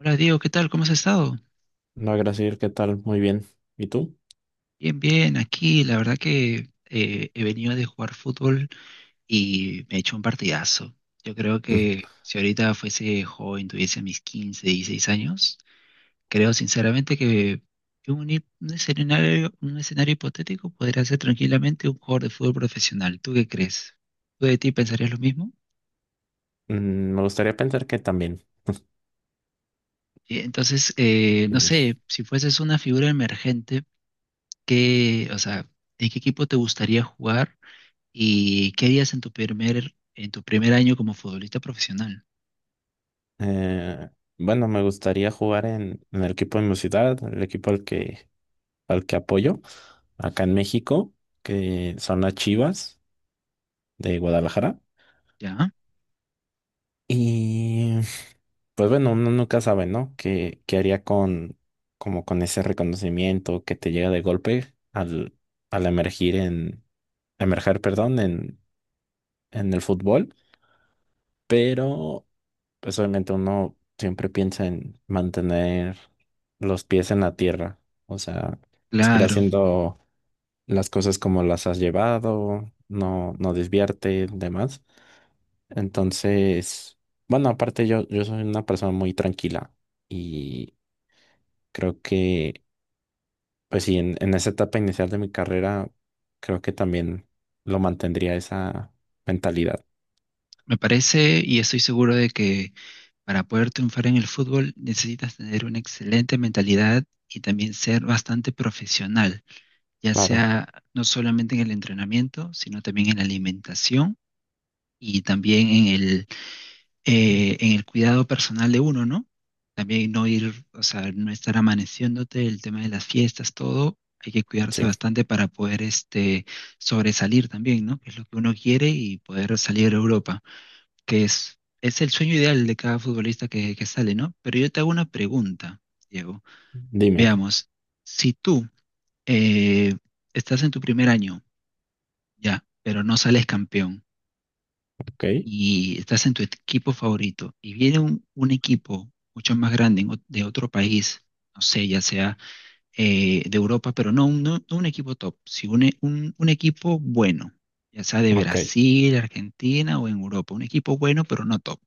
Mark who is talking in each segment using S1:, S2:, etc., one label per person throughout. S1: Hola Diego, ¿qué tal? ¿Cómo has estado?
S2: No, gracias, ¿qué tal? Muy bien. ¿Y tú?
S1: Bien, bien, aquí la verdad que he venido de jugar fútbol y me he hecho un partidazo. Yo creo
S2: Mm.
S1: que si ahorita fuese joven, tuviese mis 15, 16 años, creo sinceramente que un, un escenario hipotético podría ser tranquilamente un jugador de fútbol profesional. ¿Tú qué crees? ¿Tú de ti pensarías lo mismo?
S2: Me gustaría pensar que también.
S1: Entonces, no
S2: Sí.
S1: sé, si fueses una figura emergente, ¿qué, o sea, ¿en qué equipo te gustaría jugar? ¿Y qué harías en tu primer año como futbolista profesional?
S2: Eh, bueno, me gustaría jugar en, el equipo de mi ciudad, el equipo al que apoyo, acá en México, que son las Chivas de Guadalajara.
S1: ¿Ya?
S2: Y pues bueno, uno nunca sabe, ¿no? ¿Qué haría como con ese reconocimiento que te llega de golpe al, emergir en, emerger, perdón, en el fútbol? Pero pues obviamente uno siempre piensa en mantener los pies en la tierra, o sea, seguir
S1: Claro,
S2: haciendo las cosas como las has llevado, no desviarte, demás. Entonces, bueno, aparte yo soy una persona muy tranquila y creo que, pues sí, en, esa etapa inicial de mi carrera, creo que también lo mantendría esa mentalidad.
S1: me parece y estoy seguro de que para poder triunfar en el fútbol necesitas tener una excelente mentalidad y también ser bastante profesional, ya
S2: Claro,
S1: sea no solamente en el entrenamiento, sino también en la alimentación y también en el cuidado personal de uno, ¿no? También no ir, o sea, no estar amaneciéndote, el tema de las fiestas, todo, hay que cuidarse
S2: sí,
S1: bastante para poder este, sobresalir también, ¿no? Que es lo que uno quiere y poder salir a Europa, que es el sueño ideal de cada futbolista que sale, ¿no? Pero yo te hago una pregunta, Diego.
S2: dime,
S1: Veamos, si tú eh, estás en tu primer año, ya, pero no sales campeón,
S2: ok,
S1: y estás en tu equipo favorito y viene un equipo mucho más grande en de otro país, no sé, ya sea de Europa, pero no, no un equipo top, sino un equipo bueno, ya sea de
S2: ok.
S1: Brasil, Argentina o en Europa, un equipo bueno pero no top.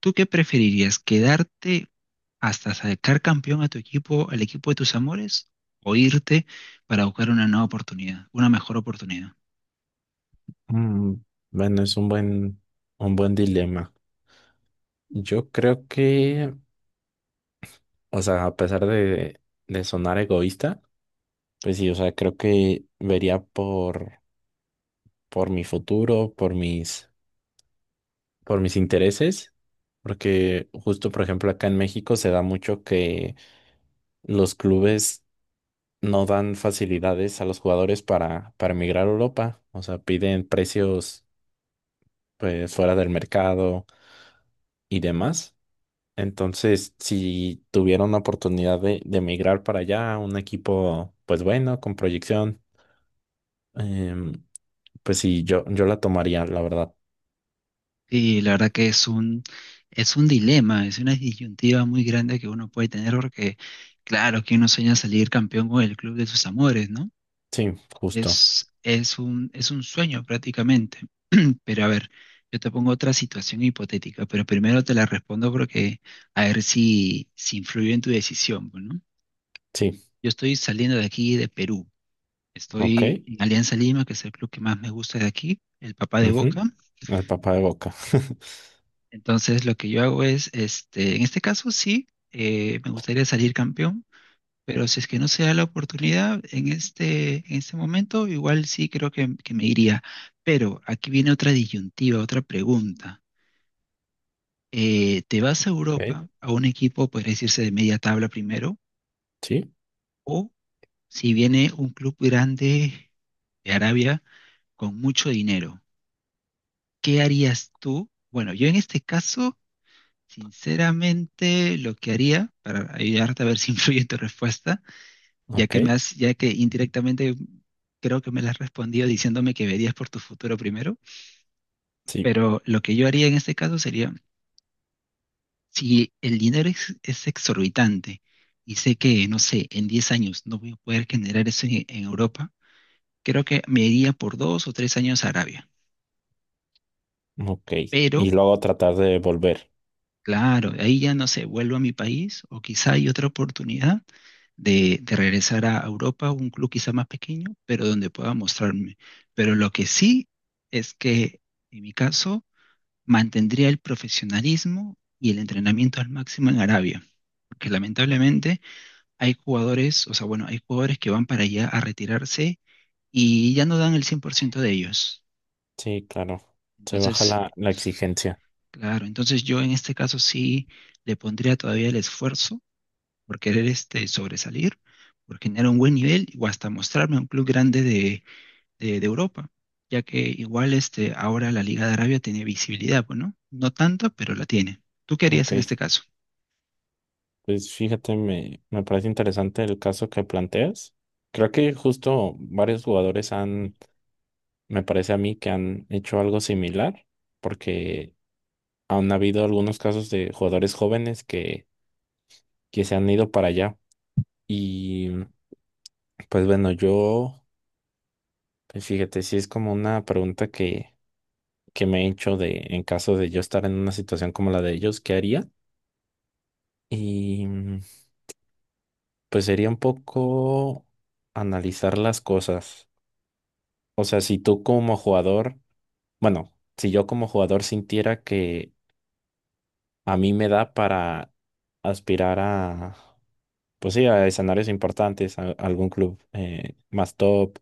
S1: ¿Tú qué preferirías? ¿Quedarte hasta sacar campeón a tu equipo, al equipo de tus amores, o irte para buscar una nueva oportunidad, una mejor oportunidad?
S2: Mm, Bueno, es un buen dilema. Yo creo que, o sea, a pesar de sonar egoísta, pues sí, o sea, creo que vería por, mi futuro, por mis intereses, porque justo, por ejemplo, acá en México se da mucho que los clubes no dan facilidades a los jugadores para emigrar a Europa, o sea, piden precios, pues, fuera del mercado y demás. Entonces, si tuviera una oportunidad de emigrar para allá, un equipo, pues bueno, con proyección, em, pues sí, yo la tomaría, la verdad.
S1: Y la verdad que es un dilema, es una disyuntiva muy grande que uno puede tener porque, claro, que uno sueña salir campeón con el club de sus amores, ¿no?
S2: Sí, justo.
S1: Es un sueño prácticamente. Pero a ver, yo te pongo otra situación hipotética, pero primero te la respondo porque a ver si influye en tu decisión, pues, ¿no?
S2: Sí,
S1: Yo estoy saliendo de aquí de Perú.
S2: ok.
S1: Estoy en Alianza Lima, que es el club que más me gusta de aquí, el papá de
S2: Ujú,
S1: Boca.
S2: el papá de Boca.
S1: Entonces lo que yo hago es, este, en este caso sí, me gustaría salir campeón, pero si es que no se da la oportunidad en este momento, igual sí creo que me iría. Pero aquí viene otra disyuntiva, otra pregunta. ¿Te vas a
S2: Ok,
S1: Europa a un equipo, podría decirse, de media tabla primero?
S2: sí,
S1: O si viene un club grande de Arabia con mucho dinero, ¿qué harías tú? Bueno, yo en este caso... Sinceramente, lo que haría, para ayudarte a ver si influye en tu respuesta, ya
S2: ok,
S1: que ya que indirectamente creo que me la has respondido diciéndome que verías por tu futuro primero,
S2: sí,
S1: pero lo que yo haría en este caso sería, si el dinero es exorbitante y sé que, no sé, en 10 años no voy a poder generar eso en Europa, creo que me iría por 2 o 3 años a Arabia.
S2: ok.
S1: Pero,
S2: Y luego tratar de volver.
S1: claro, de ahí ya no sé, vuelvo a mi país o quizá hay otra oportunidad de regresar a Europa, un club quizá más pequeño, pero donde pueda mostrarme. Pero lo que sí es que, en mi caso, mantendría el profesionalismo y el entrenamiento al máximo en Arabia. Porque lamentablemente hay jugadores, o sea, bueno, hay jugadores que van para allá a retirarse y ya no dan el 100% de ellos.
S2: Sí, claro. Se baja
S1: Entonces,
S2: la exigencia.
S1: claro, entonces yo en este caso sí le pondría todavía el esfuerzo por querer este, sobresalir, por generar un buen nivel o hasta mostrarme a un club grande de Europa, ya que igual este, ahora la Liga de Arabia tiene visibilidad, pues, ¿no? No tanta, pero la tiene. ¿Tú qué harías
S2: Ok,
S1: en este caso?
S2: pues fíjate, me parece interesante el caso que planteas. Creo que justo varios jugadores han Me parece a mí que han hecho algo similar, porque han habido algunos casos de jugadores jóvenes que se han ido para allá. Y pues bueno, yo, pues fíjate, sí es como una pregunta que me he hecho de, en caso de yo estar en una situación como la de ellos, ¿qué haría? Y pues sería un poco analizar las cosas. O sea, si tú como jugador, bueno, si yo como jugador sintiera que a mí me da para aspirar a, pues sí, a escenarios importantes, a algún club más top,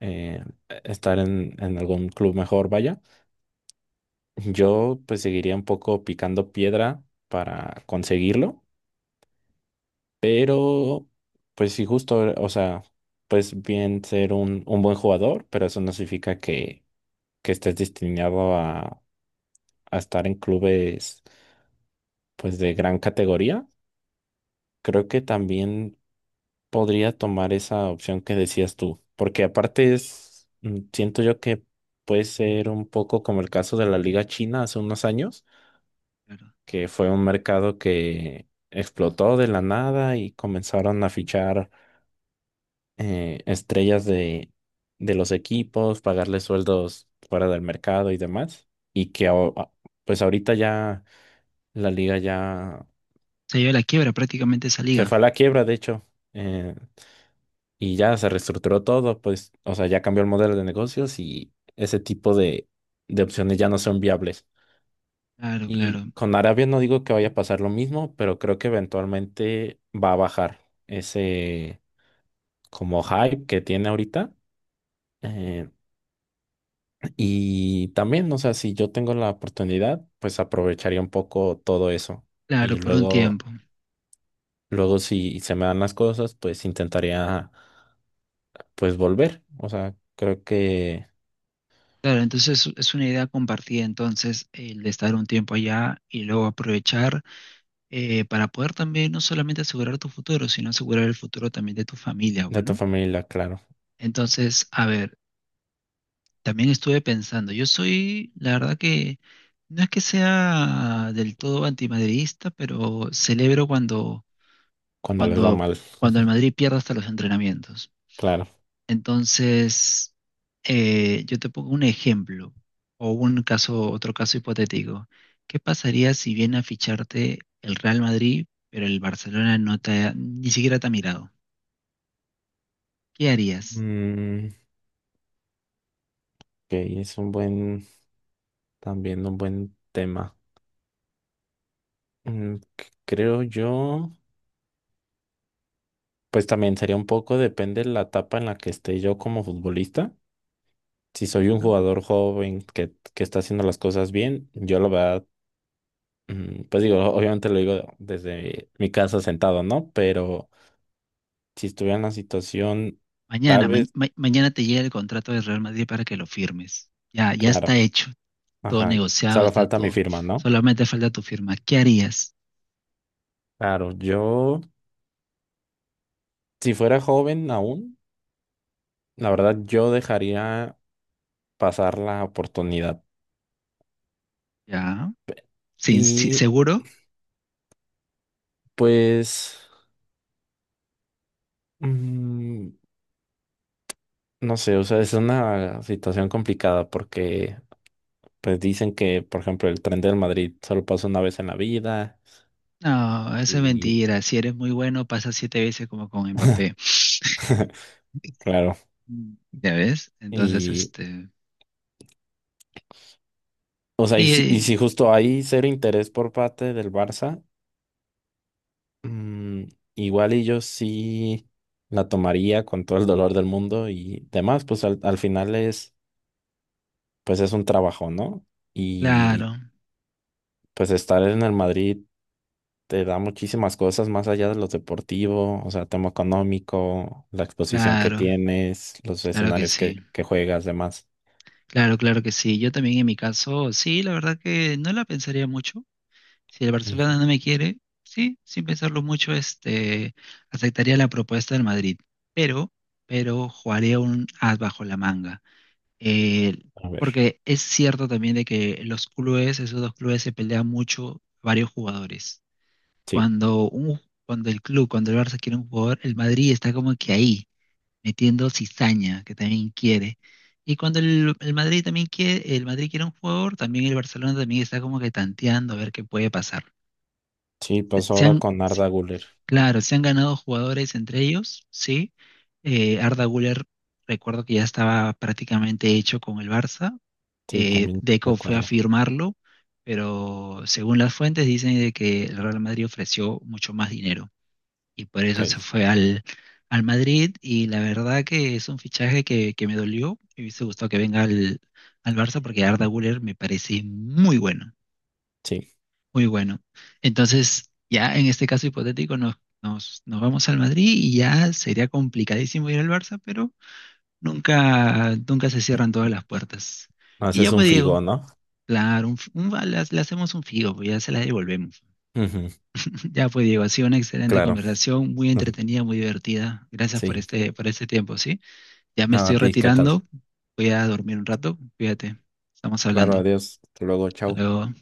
S2: eh, estar en, algún club mejor, vaya. Yo pues seguiría un poco picando piedra para conseguirlo, pero pues sí, justo, o sea, pues bien ser un, buen jugador, pero eso no significa que estés destinado a estar en clubes pues de gran categoría. Creo que también podría tomar esa opción que decías tú, porque aparte es, siento yo que puede ser un poco como el caso de la Liga China hace unos años,
S1: Claro.
S2: que fue un mercado que explotó de la nada y comenzaron a fichar estrellas de los equipos, pagarles sueldos fuera del mercado y demás, y que pues ahorita ya la liga ya
S1: Se lleva la quiebra prácticamente esa
S2: se
S1: liga.
S2: fue a la quiebra, de hecho. eh, Y ya se reestructuró todo, pues, o sea, ya cambió el modelo de negocios y ese tipo de opciones ya no son viables.
S1: Claro, claro,
S2: Y con Arabia no digo que vaya a pasar lo mismo, pero creo que eventualmente va a bajar ese como hype que tiene ahorita. Eh, y también, o sea, si yo tengo la oportunidad, pues aprovecharía un poco todo eso.
S1: claro,
S2: Y
S1: por un
S2: luego,
S1: tiempo.
S2: luego si se me dan las cosas, pues intentaría, pues volver. O sea, creo que
S1: Claro, entonces es una idea compartida, entonces, el de estar un tiempo allá y luego aprovechar para poder también no solamente asegurar tu futuro, sino asegurar el futuro también de tu familia,
S2: de tu
S1: bueno.
S2: familia, claro.
S1: Entonces, a ver, también estuve pensando, yo soy, la verdad que no es que sea del todo antimadridista, pero celebro cuando,
S2: Cuando les va
S1: cuando,
S2: mal,
S1: cuando el Madrid pierde hasta los entrenamientos.
S2: claro.
S1: Entonces, yo te pongo un ejemplo o un caso, otro caso hipotético. ¿Qué pasaría si viene a ficharte el Real Madrid, pero el Barcelona no te ni siquiera te ha mirado? ¿Qué harías?
S2: Mm, ok, es también un buen tema. Creo yo, pues también sería un poco, depende de la etapa en la que esté yo como futbolista. Si soy un
S1: ¿No?
S2: jugador joven que está haciendo las cosas bien, yo la verdad, pues digo, obviamente lo digo desde mi casa sentado, ¿no? Pero si estuviera en la situación, tal vez,
S1: Mañana te llega el contrato del Real Madrid para que lo firmes. Ya, ya está
S2: claro,
S1: hecho. Todo
S2: ajá,
S1: negociado,
S2: solo
S1: está
S2: falta mi
S1: todo.
S2: firma, ¿no?
S1: Solamente falta tu firma. ¿Qué harías?
S2: Claro, yo, si fuera joven aún. La verdad, yo dejaría pasar la oportunidad.
S1: ¿Ya? ¿Sin,
S2: Y
S1: seguro?
S2: pues, mm, no sé, o sea, es una situación complicada porque pues dicen que, por ejemplo, el tren del Madrid solo pasa una vez en la vida
S1: No, eso es
S2: y
S1: mentira. Si eres muy bueno, pasa 7 veces como con Mbappé.
S2: claro,
S1: Mm. ¿Ya ves? Entonces,
S2: y
S1: este,
S2: o sea, y si
S1: sí,
S2: justo hay cero interés por parte del Barça, mm, igual y yo sí la tomaría con todo el dolor del mundo y demás, pues al final es pues es un trabajo, ¿no? Y
S1: claro,
S2: pues estar en el Madrid te da muchísimas cosas más allá de lo deportivo, o sea, tema económico, la exposición que
S1: claro,
S2: tienes, los
S1: claro que
S2: escenarios
S1: sí.
S2: que juegas, demás.
S1: Claro, claro que sí. Yo también en mi caso, sí, la verdad que no la pensaría mucho. Si el
S2: Ujú.
S1: Barcelona no me quiere, sí, sin pensarlo mucho, este, aceptaría la propuesta del Madrid, pero, pero jugaría un as bajo la manga. Eh,
S2: A ver,
S1: Porque es cierto también de que los clubes, esos dos clubes se pelean mucho varios jugadores.
S2: sí,
S1: Cuando un, cuando el club, cuando el Barça quiere un jugador, el Madrid está como que ahí, metiendo cizaña, que también quiere. Y cuando el Madrid también quiere, el Madrid quiere un jugador, también el Barcelona también está como que tanteando a ver qué puede pasar
S2: sí, pues
S1: se
S2: ahora
S1: han,
S2: con
S1: se-
S2: Arda Güler.
S1: claro, se han ganado jugadores entre ellos, sí. Arda Güler, recuerdo que ya estaba prácticamente hecho con el Barça.
S2: Sí, también
S1: Deco fue a
S2: recuerdo.
S1: firmarlo, pero según las fuentes dicen de que el Real Madrid ofreció mucho más dinero y por
S2: Ok,
S1: eso se fue al, al Madrid y la verdad que es un fichaje que me dolió. Me hubiese gustado que venga al, al Barça porque Arda Güler me parece muy bueno.
S2: sí.
S1: Muy bueno. Entonces, ya en este caso hipotético, nos vamos al Madrid y ya sería complicadísimo ir al Barça, pero nunca, nunca se
S2: Mm,
S1: cierran todas las puertas. Y
S2: Haces
S1: ya
S2: un
S1: pues Diego,
S2: figo, ¿no?
S1: claro, un le hacemos un figo, pues ya se la devolvemos.
S2: Ujú,
S1: Ya pues Diego, ha sido una excelente
S2: claro.
S1: conversación, muy entretenida, muy divertida. Gracias
S2: Sí.
S1: por este tiempo, ¿sí? Ya me
S2: Nada, a
S1: estoy
S2: ti, ¿qué tal?
S1: retirando, voy a dormir un rato, cuídate, estamos
S2: Claro,
S1: hablando.
S2: adiós. Hasta luego,
S1: Hasta
S2: chao.
S1: luego.